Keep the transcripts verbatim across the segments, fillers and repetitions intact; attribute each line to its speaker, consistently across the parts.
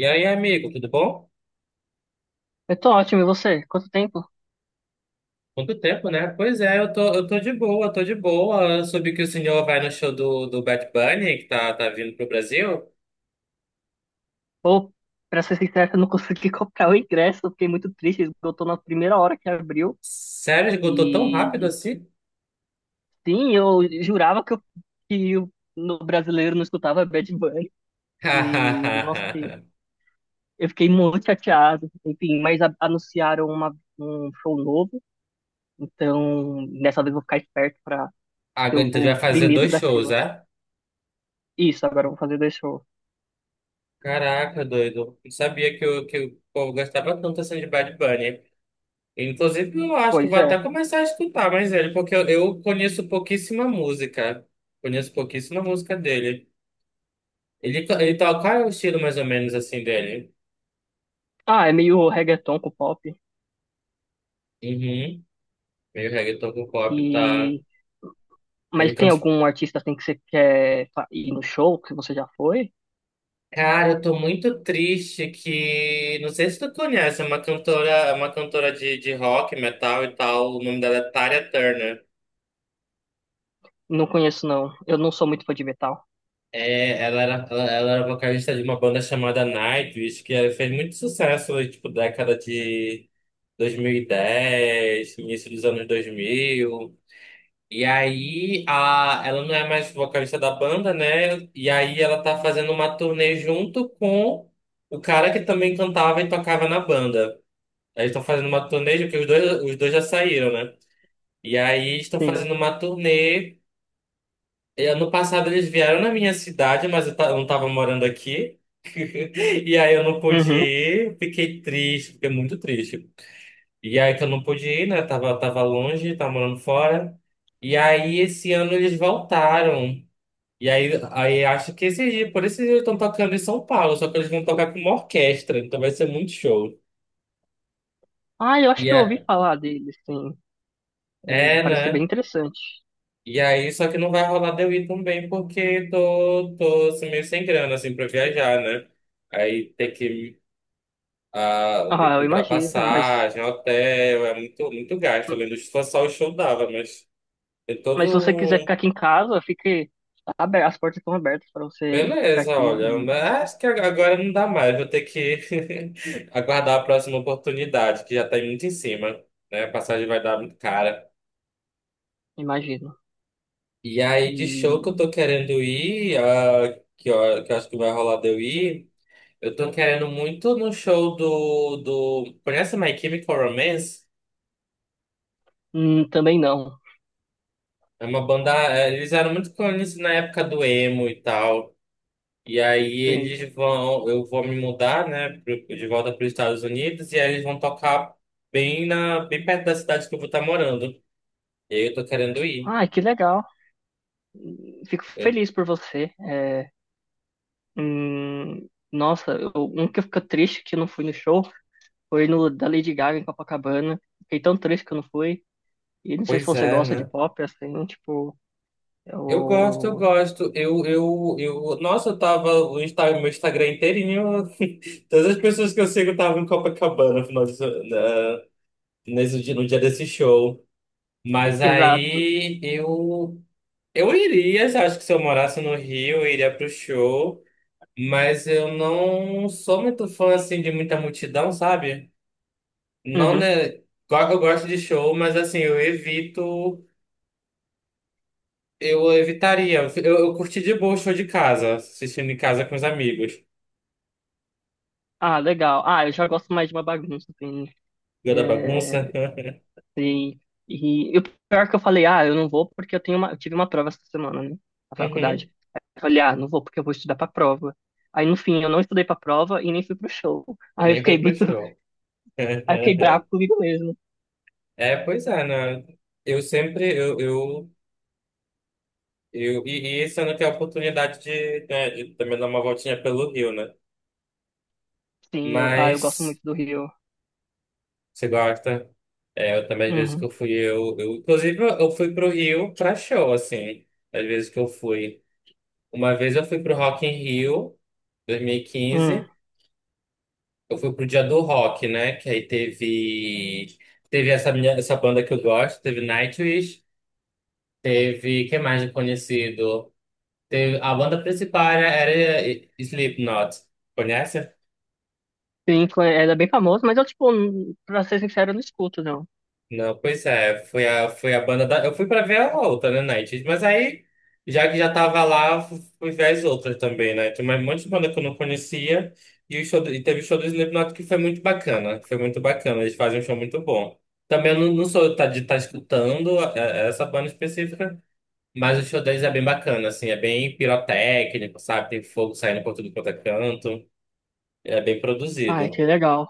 Speaker 1: E aí, amigo, tudo bom?
Speaker 2: Eu tô ótimo, e você? Quanto tempo?
Speaker 1: Quanto tempo, né? Pois é, eu tô, eu tô de boa, tô de boa. Eu soube que o senhor vai no show do, do Bad Bunny, que tá, tá vindo pro Brasil.
Speaker 2: Ou, pra ser sincero, eu não consegui comprar o ingresso, eu fiquei muito triste, esgotou na primeira hora que abriu.
Speaker 1: Sério, esgotou tão rápido
Speaker 2: E
Speaker 1: assim?
Speaker 2: sim, eu jurava que, eu, que o no brasileiro não escutava Bad Bunny. E, nossa,
Speaker 1: Hahaha.
Speaker 2: eu fiquei muito chateado. Enfim, mas a- anunciaram uma- um show novo, então dessa vez eu vou ficar esperto pra ser
Speaker 1: Então já
Speaker 2: o
Speaker 1: vai fazer
Speaker 2: primeiro
Speaker 1: dois
Speaker 2: da
Speaker 1: shows,
Speaker 2: fila.
Speaker 1: é?
Speaker 2: Isso, agora eu vou fazer dois shows.
Speaker 1: Caraca, doido. Não sabia que, o que o povo gostava tanto assim de Bad Bunny. Inclusive, eu acho que
Speaker 2: Pois
Speaker 1: vou
Speaker 2: é.
Speaker 1: até começar a escutar mais ele, porque eu, eu conheço pouquíssima música. Conheço pouquíssima música dele. Ele, to- ele toca, qual é o estilo mais ou menos assim dele?
Speaker 2: Ah, é meio reggaeton com pop.
Speaker 1: Uhum. Meio reggaeton com pop, tá?
Speaker 2: E.
Speaker 1: Ele
Speaker 2: Mas tem
Speaker 1: canta, assim,
Speaker 2: algum artista assim que você quer fa- ir no show que você já foi?
Speaker 1: cara, eu tô muito triste que. Não sei se tu conhece, é uma cantora, é uma cantora de, de rock, metal e tal. O nome dela é Tarya Turner.
Speaker 2: Não conheço, não. Eu não sou muito fã de metal.
Speaker 1: É, ela era, ela, ela era vocalista de uma banda chamada Nightwish, que fez muito sucesso, tipo, década de dois mil e dez, início dos anos dois mil. E aí, a, ela não é mais vocalista da banda, né? E aí ela tá fazendo uma turnê junto com o cara que também cantava e tocava na banda. Aí estão fazendo uma turnê, porque os dois, os dois já saíram, né? E aí estão
Speaker 2: Sim.
Speaker 1: fazendo uma turnê. E ano passado eles vieram na minha cidade, mas eu, ta- eu não tava morando aqui. E aí eu não pude
Speaker 2: Uhum.
Speaker 1: ir, fiquei triste, fiquei muito triste. E aí que eu não pude ir, né? Tava, tava longe, tava morando fora. E aí esse ano eles voltaram. E aí, aí acho que esse dia, por esse dia eles estão tocando em São Paulo, só que eles vão tocar com uma orquestra, então vai ser muito show.
Speaker 2: Ah, eu acho
Speaker 1: E
Speaker 2: que eu ouvi
Speaker 1: é,
Speaker 2: falar dele, sim. É,
Speaker 1: é,
Speaker 2: parece ser bem
Speaker 1: né?
Speaker 2: interessante.
Speaker 1: E aí, só que não vai rolar de eu ir também, porque tô, tô assim, meio sem grana, assim, pra viajar, né? Aí tem que, ah, tem
Speaker 2: Ah,
Speaker 1: que
Speaker 2: eu
Speaker 1: comprar
Speaker 2: imagino, mas,
Speaker 1: passagem, hotel, é muito, muito gasto. Além do que só o show dava, mas tem
Speaker 2: mas se
Speaker 1: todo
Speaker 2: você quiser ficar
Speaker 1: um...
Speaker 2: aqui em casa, fique aberto, as portas estão abertas para você ficar
Speaker 1: Beleza,
Speaker 2: aqui,
Speaker 1: olha,
Speaker 2: e-
Speaker 1: mas acho que agora não dá mais, vou ter que aguardar a próxima oportunidade, que já tá muito em cima, né? A passagem vai dar muito cara.
Speaker 2: imagino.
Speaker 1: E aí, de show que eu
Speaker 2: E
Speaker 1: tô querendo ir, ah, que, eu, que eu acho que vai rolar de eu ir, eu tô querendo muito no show do, do... Conhece My Chemical Romance?
Speaker 2: hum, também não.
Speaker 1: É uma banda, eh, eles eram muito conhecidos na época do emo e tal. E aí
Speaker 2: Sim.
Speaker 1: eles vão, eu vou me mudar, né, pro- de volta para os Estados Unidos, e aí eles vão tocar bem na, bem perto da cidade que eu vou estar morando. E aí eu tô querendo ir.
Speaker 2: Ah, que legal. Fico
Speaker 1: Eu-
Speaker 2: feliz por você. É, hum, nossa, eu, um que eu fico triste que eu não fui no show foi no da Lady Gaga em Copacabana. Fiquei tão triste que eu não fui. E não sei se
Speaker 1: Pois
Speaker 2: você
Speaker 1: é,
Speaker 2: gosta de
Speaker 1: né?
Speaker 2: pop, assim, tipo,
Speaker 1: Eu gosto, eu
Speaker 2: eu...
Speaker 1: gosto. Eu, eu, eu, nossa, eu tava o Insta- meu Instagram inteirinho. Todas as pessoas que eu sigo estavam em Copacabana no final desse- na- nesse dia, no dia desse show.
Speaker 2: e-
Speaker 1: Mas
Speaker 2: exato.
Speaker 1: aí eu, eu iria, acho que se eu morasse no Rio, eu iria pro show. Mas eu não sou muito fã, assim, de muita multidão, sabe? Não,
Speaker 2: Uhum.
Speaker 1: né? Claro que eu gosto de show, mas, assim, eu evito... Eu evitaria. Eu, eu curti de boa o show de casa, assistindo em casa com os amigos.
Speaker 2: Ah, legal. Ah, eu já gosto mais de uma bagunça, assim.
Speaker 1: Viu da bagunça?
Speaker 2: É, sim. E, e o pior que eu falei, ah, eu não vou porque eu tenho uma, eu tive uma prova essa semana, né? Na faculdade.
Speaker 1: Uhum.
Speaker 2: Aí eu falei, ah, não vou porque eu vou estudar pra prova. Aí, no fim, eu não estudei pra prova e nem fui pro show.
Speaker 1: E
Speaker 2: Aí eu
Speaker 1: nem
Speaker 2: fiquei
Speaker 1: foi pro
Speaker 2: muito,
Speaker 1: show.
Speaker 2: aí eu fiquei bravo comigo mesmo.
Speaker 1: É, pois é, né? Eu sempre... Eu, eu, eu, e, e esse ano eu tenho a oportunidade de, né, de também dar uma voltinha pelo Rio, né?
Speaker 2: Sim, eu, ah, eu gosto
Speaker 1: Mas...
Speaker 2: muito do Rio.
Speaker 1: Você gosta? É, eu também, às vezes que
Speaker 2: Uhum.
Speaker 1: eu fui, eu, eu inclusive, eu eu fui pro Rio pra show, assim, às vezes que eu fui. Uma vez eu fui pro Rock in Rio,
Speaker 2: Hum.
Speaker 1: dois mil e quinze, eu fui pro Dia do Rock, né, que aí teve, teve essa, minha, essa banda que eu gosto, teve Nightwish, teve, quem mais de conhecido? Teve, a banda principal era, era Slipknot, conhece?
Speaker 2: Pink era bem famoso, mas eu, tipo, n- pra ser sincero, eu não escuto, não.
Speaker 1: Não, pois é, foi a, foi a banda da. Eu fui pra ver a outra, né, Night? Mas aí, já que já tava lá, fu- fui ver as outras também, né? Tem mais um monte de banda que eu não conhecia e, o show, do- e teve o show do Slipknot que foi muito bacana. Foi muito bacana, eles fazem um show muito bom. Também eu não, não sou tá, de estar escutando a- a- essa banda específica, mas o show deles é bem bacana, assim, é bem pirotécnico, sabe? Tem fogo saindo por tudo quanto é canto, é bem
Speaker 2: Ai,
Speaker 1: produzido.
Speaker 2: que legal.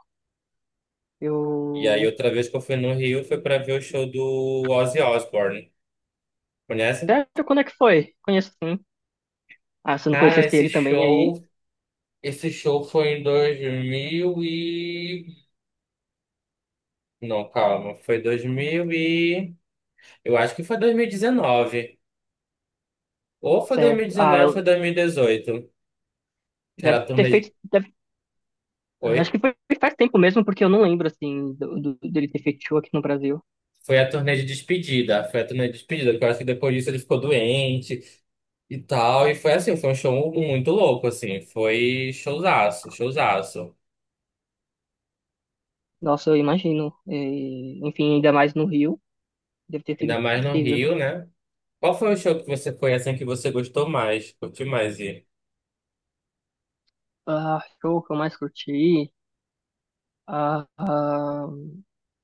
Speaker 1: E aí,
Speaker 2: Eu.
Speaker 1: outra vez que eu fui no Rio foi pra ver o show do Ozzy Osbourne. Conhece?
Speaker 2: Sério, quando é que foi? Conheço sim. Ah, se eu não
Speaker 1: Cara,
Speaker 2: conhecesse
Speaker 1: esse
Speaker 2: ele também, aí.
Speaker 1: show, esse show foi em dois mil e... Não, calma, foi dois mil e... Eu acho que foi dois mil e dezenove. Ou foi
Speaker 2: Certo. Ah,
Speaker 1: dois mil e dezenove, ou foi
Speaker 2: eu...
Speaker 1: dois mil e dezoito. Que era
Speaker 2: deve
Speaker 1: a
Speaker 2: ter
Speaker 1: turnê... de-
Speaker 2: feito. deve- Acho que
Speaker 1: Foi?
Speaker 2: foi faz tempo mesmo, porque eu não lembro, assim, do, do- dele ter feito show aqui no Brasil.
Speaker 1: Foi a turnê de despedida. Foi a turnê de despedida, porque eu acho que depois disso ele ficou doente e tal. E foi assim, foi um show muito louco, assim. Foi showzaço, showzaço.
Speaker 2: Nossa, eu imagino. E, enfim, ainda mais no Rio. Deve ter
Speaker 1: Ainda
Speaker 2: sido
Speaker 1: mais no
Speaker 2: incrível.
Speaker 1: Rio, né? Qual foi o show que você foi, assim, que você gostou mais? Curtiu mais?
Speaker 2: Ah, show que eu mais curti. Ah, ah,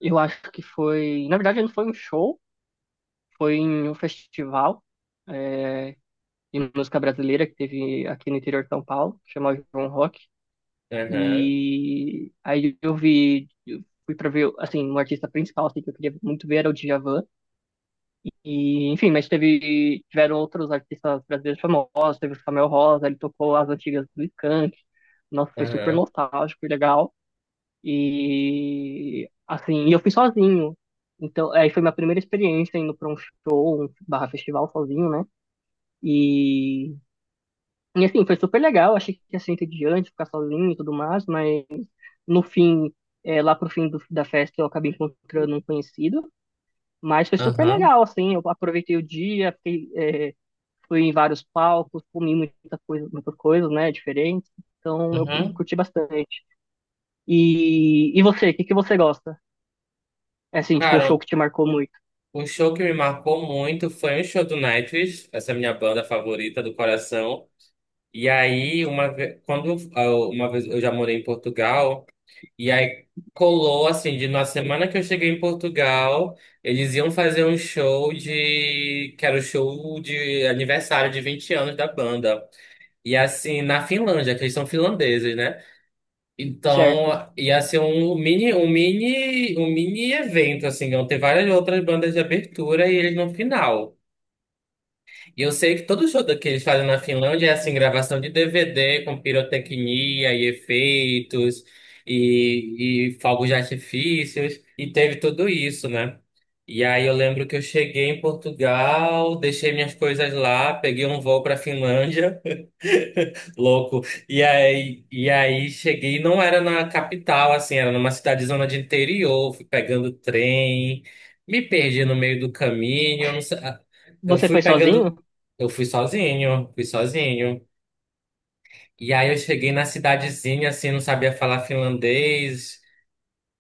Speaker 2: eu acho que foi. Na verdade, não foi um show, foi em um festival, é, de música brasileira que teve aqui no interior de São Paulo, que chamava João Rock.
Speaker 1: Aham,
Speaker 2: E aí eu vi, eu fui pra ver, assim, um artista principal assim, que eu queria muito ver era o Djavan. E, enfim, mas teve, tiveram outros artistas brasileiros famosos, teve o Samuel Rosa, ele tocou as antigas do Skank. Nossa, foi super
Speaker 1: aham,
Speaker 2: nostálgico e legal. E assim, e eu fui sozinho. Então, aí foi minha primeira experiência indo pra um show, um barra festival sozinho, né? E, e assim, foi super legal. Achei que ia ser entediante ficar sozinho e tudo mais, mas no fim, é, lá pro fim do- da festa, eu acabei encontrando um conhecido. Mas foi super
Speaker 1: aham,
Speaker 2: legal, assim. Eu aproveitei o dia, fiquei, é, fui em vários palcos, comi muita coisa, muitas coisas, né? Diferentes. Então, eu
Speaker 1: aham.
Speaker 2: curti bastante. E, e você, o que que você gosta? É assim, tipo um show
Speaker 1: Cara,
Speaker 2: que te marcou muito,
Speaker 1: um show que me marcou muito foi um show do Nightwish, essa minha banda favorita do coração. E aí, uma vez, quando eu- uma vez eu já morei em Portugal, e aí colou assim, de na semana que eu cheguei em Portugal, eles iam fazer um show de, que era o show de aniversário de vinte anos da banda. E assim, na Finlândia, que eles são finlandeses, né?
Speaker 2: certo?
Speaker 1: Então, ia ser um mini, um mini, um mini evento, assim, vão ter várias outras bandas de abertura e eles no final. E eu sei que todo show que eles fazem na Finlândia é assim, gravação de D V D com pirotecnia e efeitos e, e fogos de artifícios, e teve tudo isso, né? E aí eu lembro que eu cheguei em Portugal, deixei minhas coisas lá, peguei um voo para Finlândia. Louco. E aí, e aí cheguei, não era na capital, assim, era numa cidade zona de interior, fui pegando trem, me perdi no meio do caminho, eu não sei- ah, eu
Speaker 2: Você foi
Speaker 1: fui
Speaker 2: sozinho?
Speaker 1: pegando, eu fui sozinho, fui sozinho. E aí eu cheguei na cidadezinha, assim, não sabia falar finlandês.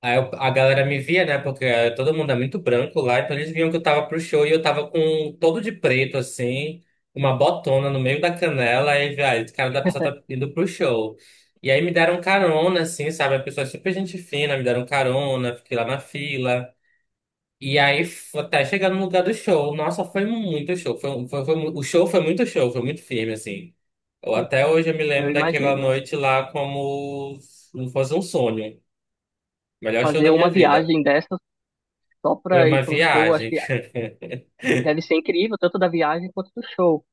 Speaker 1: Aí eu- a galera me via, né? Porque eh, todo mundo é muito branco lá, então eles viam que eu tava pro show e eu tava com um todo de preto, assim, uma botona no meio da canela, e velho, esse cara da pessoa tá indo pro show. E aí me deram carona, assim, sabe? A pessoa é super gente fina, me deram carona, fiquei lá na fila. E aí, f- até chegar no lugar do show, nossa, foi muito show. Foi, um- foi, foi mu- O show foi muito show, foi muito firme, assim. Eu, até hoje eu me
Speaker 2: Eu
Speaker 1: lembro daquela
Speaker 2: imagino.
Speaker 1: noite lá como se fosse um sonho. Melhor show
Speaker 2: Fazer
Speaker 1: da minha
Speaker 2: uma
Speaker 1: vida.
Speaker 2: viagem dessas só
Speaker 1: Foi
Speaker 2: pra ir
Speaker 1: uma
Speaker 2: pra um show, acho
Speaker 1: viagem.
Speaker 2: que deve ser incrível, tanto da viagem quanto do show.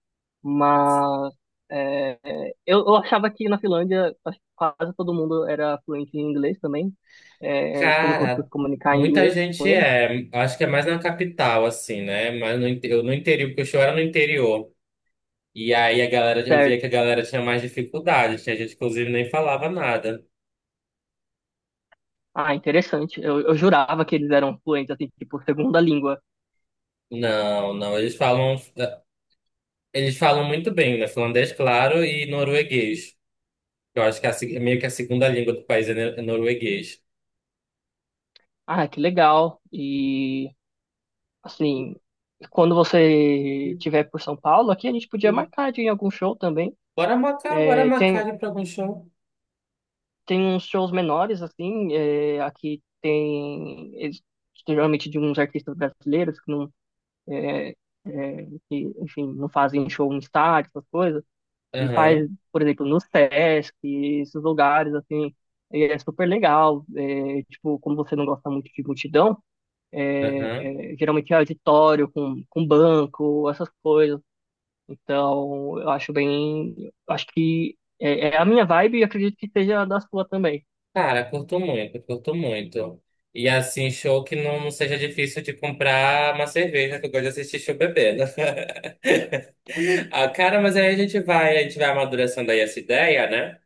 Speaker 2: Mas é, eu, eu achava que na Finlândia acho que quase todo mundo era fluente em inglês também. É, você não conseguiu
Speaker 1: Cara,
Speaker 2: se comunicar em
Speaker 1: muita
Speaker 2: inglês com
Speaker 1: gente
Speaker 2: eles?
Speaker 1: é. Acho que é mais na capital, assim, né? Mas no, inte- eu no interior, porque o show era no interior. E aí a galera, eu via
Speaker 2: Certo.
Speaker 1: que a galera tinha mais dificuldade. Tinha gente que, inclusive, nem falava nada.
Speaker 2: Ah, interessante. Eu, eu jurava que eles eram fluentes, assim, tipo, segunda língua.
Speaker 1: Não, não. Eles falam, eles falam muito bem, né? Finlandês, claro, e norueguês. Eu acho que é a se- meio que a segunda língua do país é ne- é norueguês.
Speaker 2: Ah, que legal. E assim, quando você tiver por São Paulo, aqui a gente podia marcar de ir em algum show também.
Speaker 1: Bora marcar, bora
Speaker 2: É,
Speaker 1: marcar
Speaker 2: tem,
Speaker 1: ir pra algum show.
Speaker 2: tem uns shows menores, assim, é, aqui tem eles- geralmente de uns artistas brasileiros que não, é, é, que, enfim, não fazem show em estádio, essas coisas, e faz,
Speaker 1: Aham,
Speaker 2: por exemplo, no Sesc, esses lugares, assim, e é super legal. É, tipo, como você não gosta muito de multidão, é,
Speaker 1: aham.
Speaker 2: é, geralmente é auditório com, com banco, essas coisas. Então, eu acho bem. Acho que é, é a minha vibe e acredito que seja a da sua também.
Speaker 1: Cara, curto muito, curto muito. E assim, show que não seja difícil de comprar uma cerveja, que eu gosto de assistir show bebendo. Ah, cara, mas aí a gente vai, a gente vai amadurecendo aí essa ideia, né?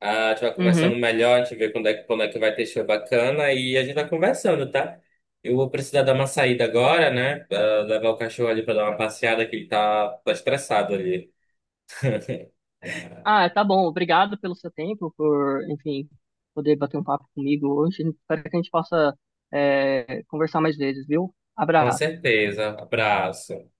Speaker 1: Ah, a gente vai conversando
Speaker 2: Uhum.
Speaker 1: melhor, a gente vê quando é, que- quando é que vai ter show bacana e a gente vai conversando, tá? Eu vou precisar dar uma saída agora, né? Ah, levar o cachorro ali pra dar uma passeada, que ele tá, tá estressado ali.
Speaker 2: Ah, tá bom. Obrigado pelo seu tempo, por, enfim, poder bater um papo comigo hoje. Espero que a gente possa, é, conversar mais vezes, viu?
Speaker 1: Com
Speaker 2: Abraço.
Speaker 1: certeza. Abraço.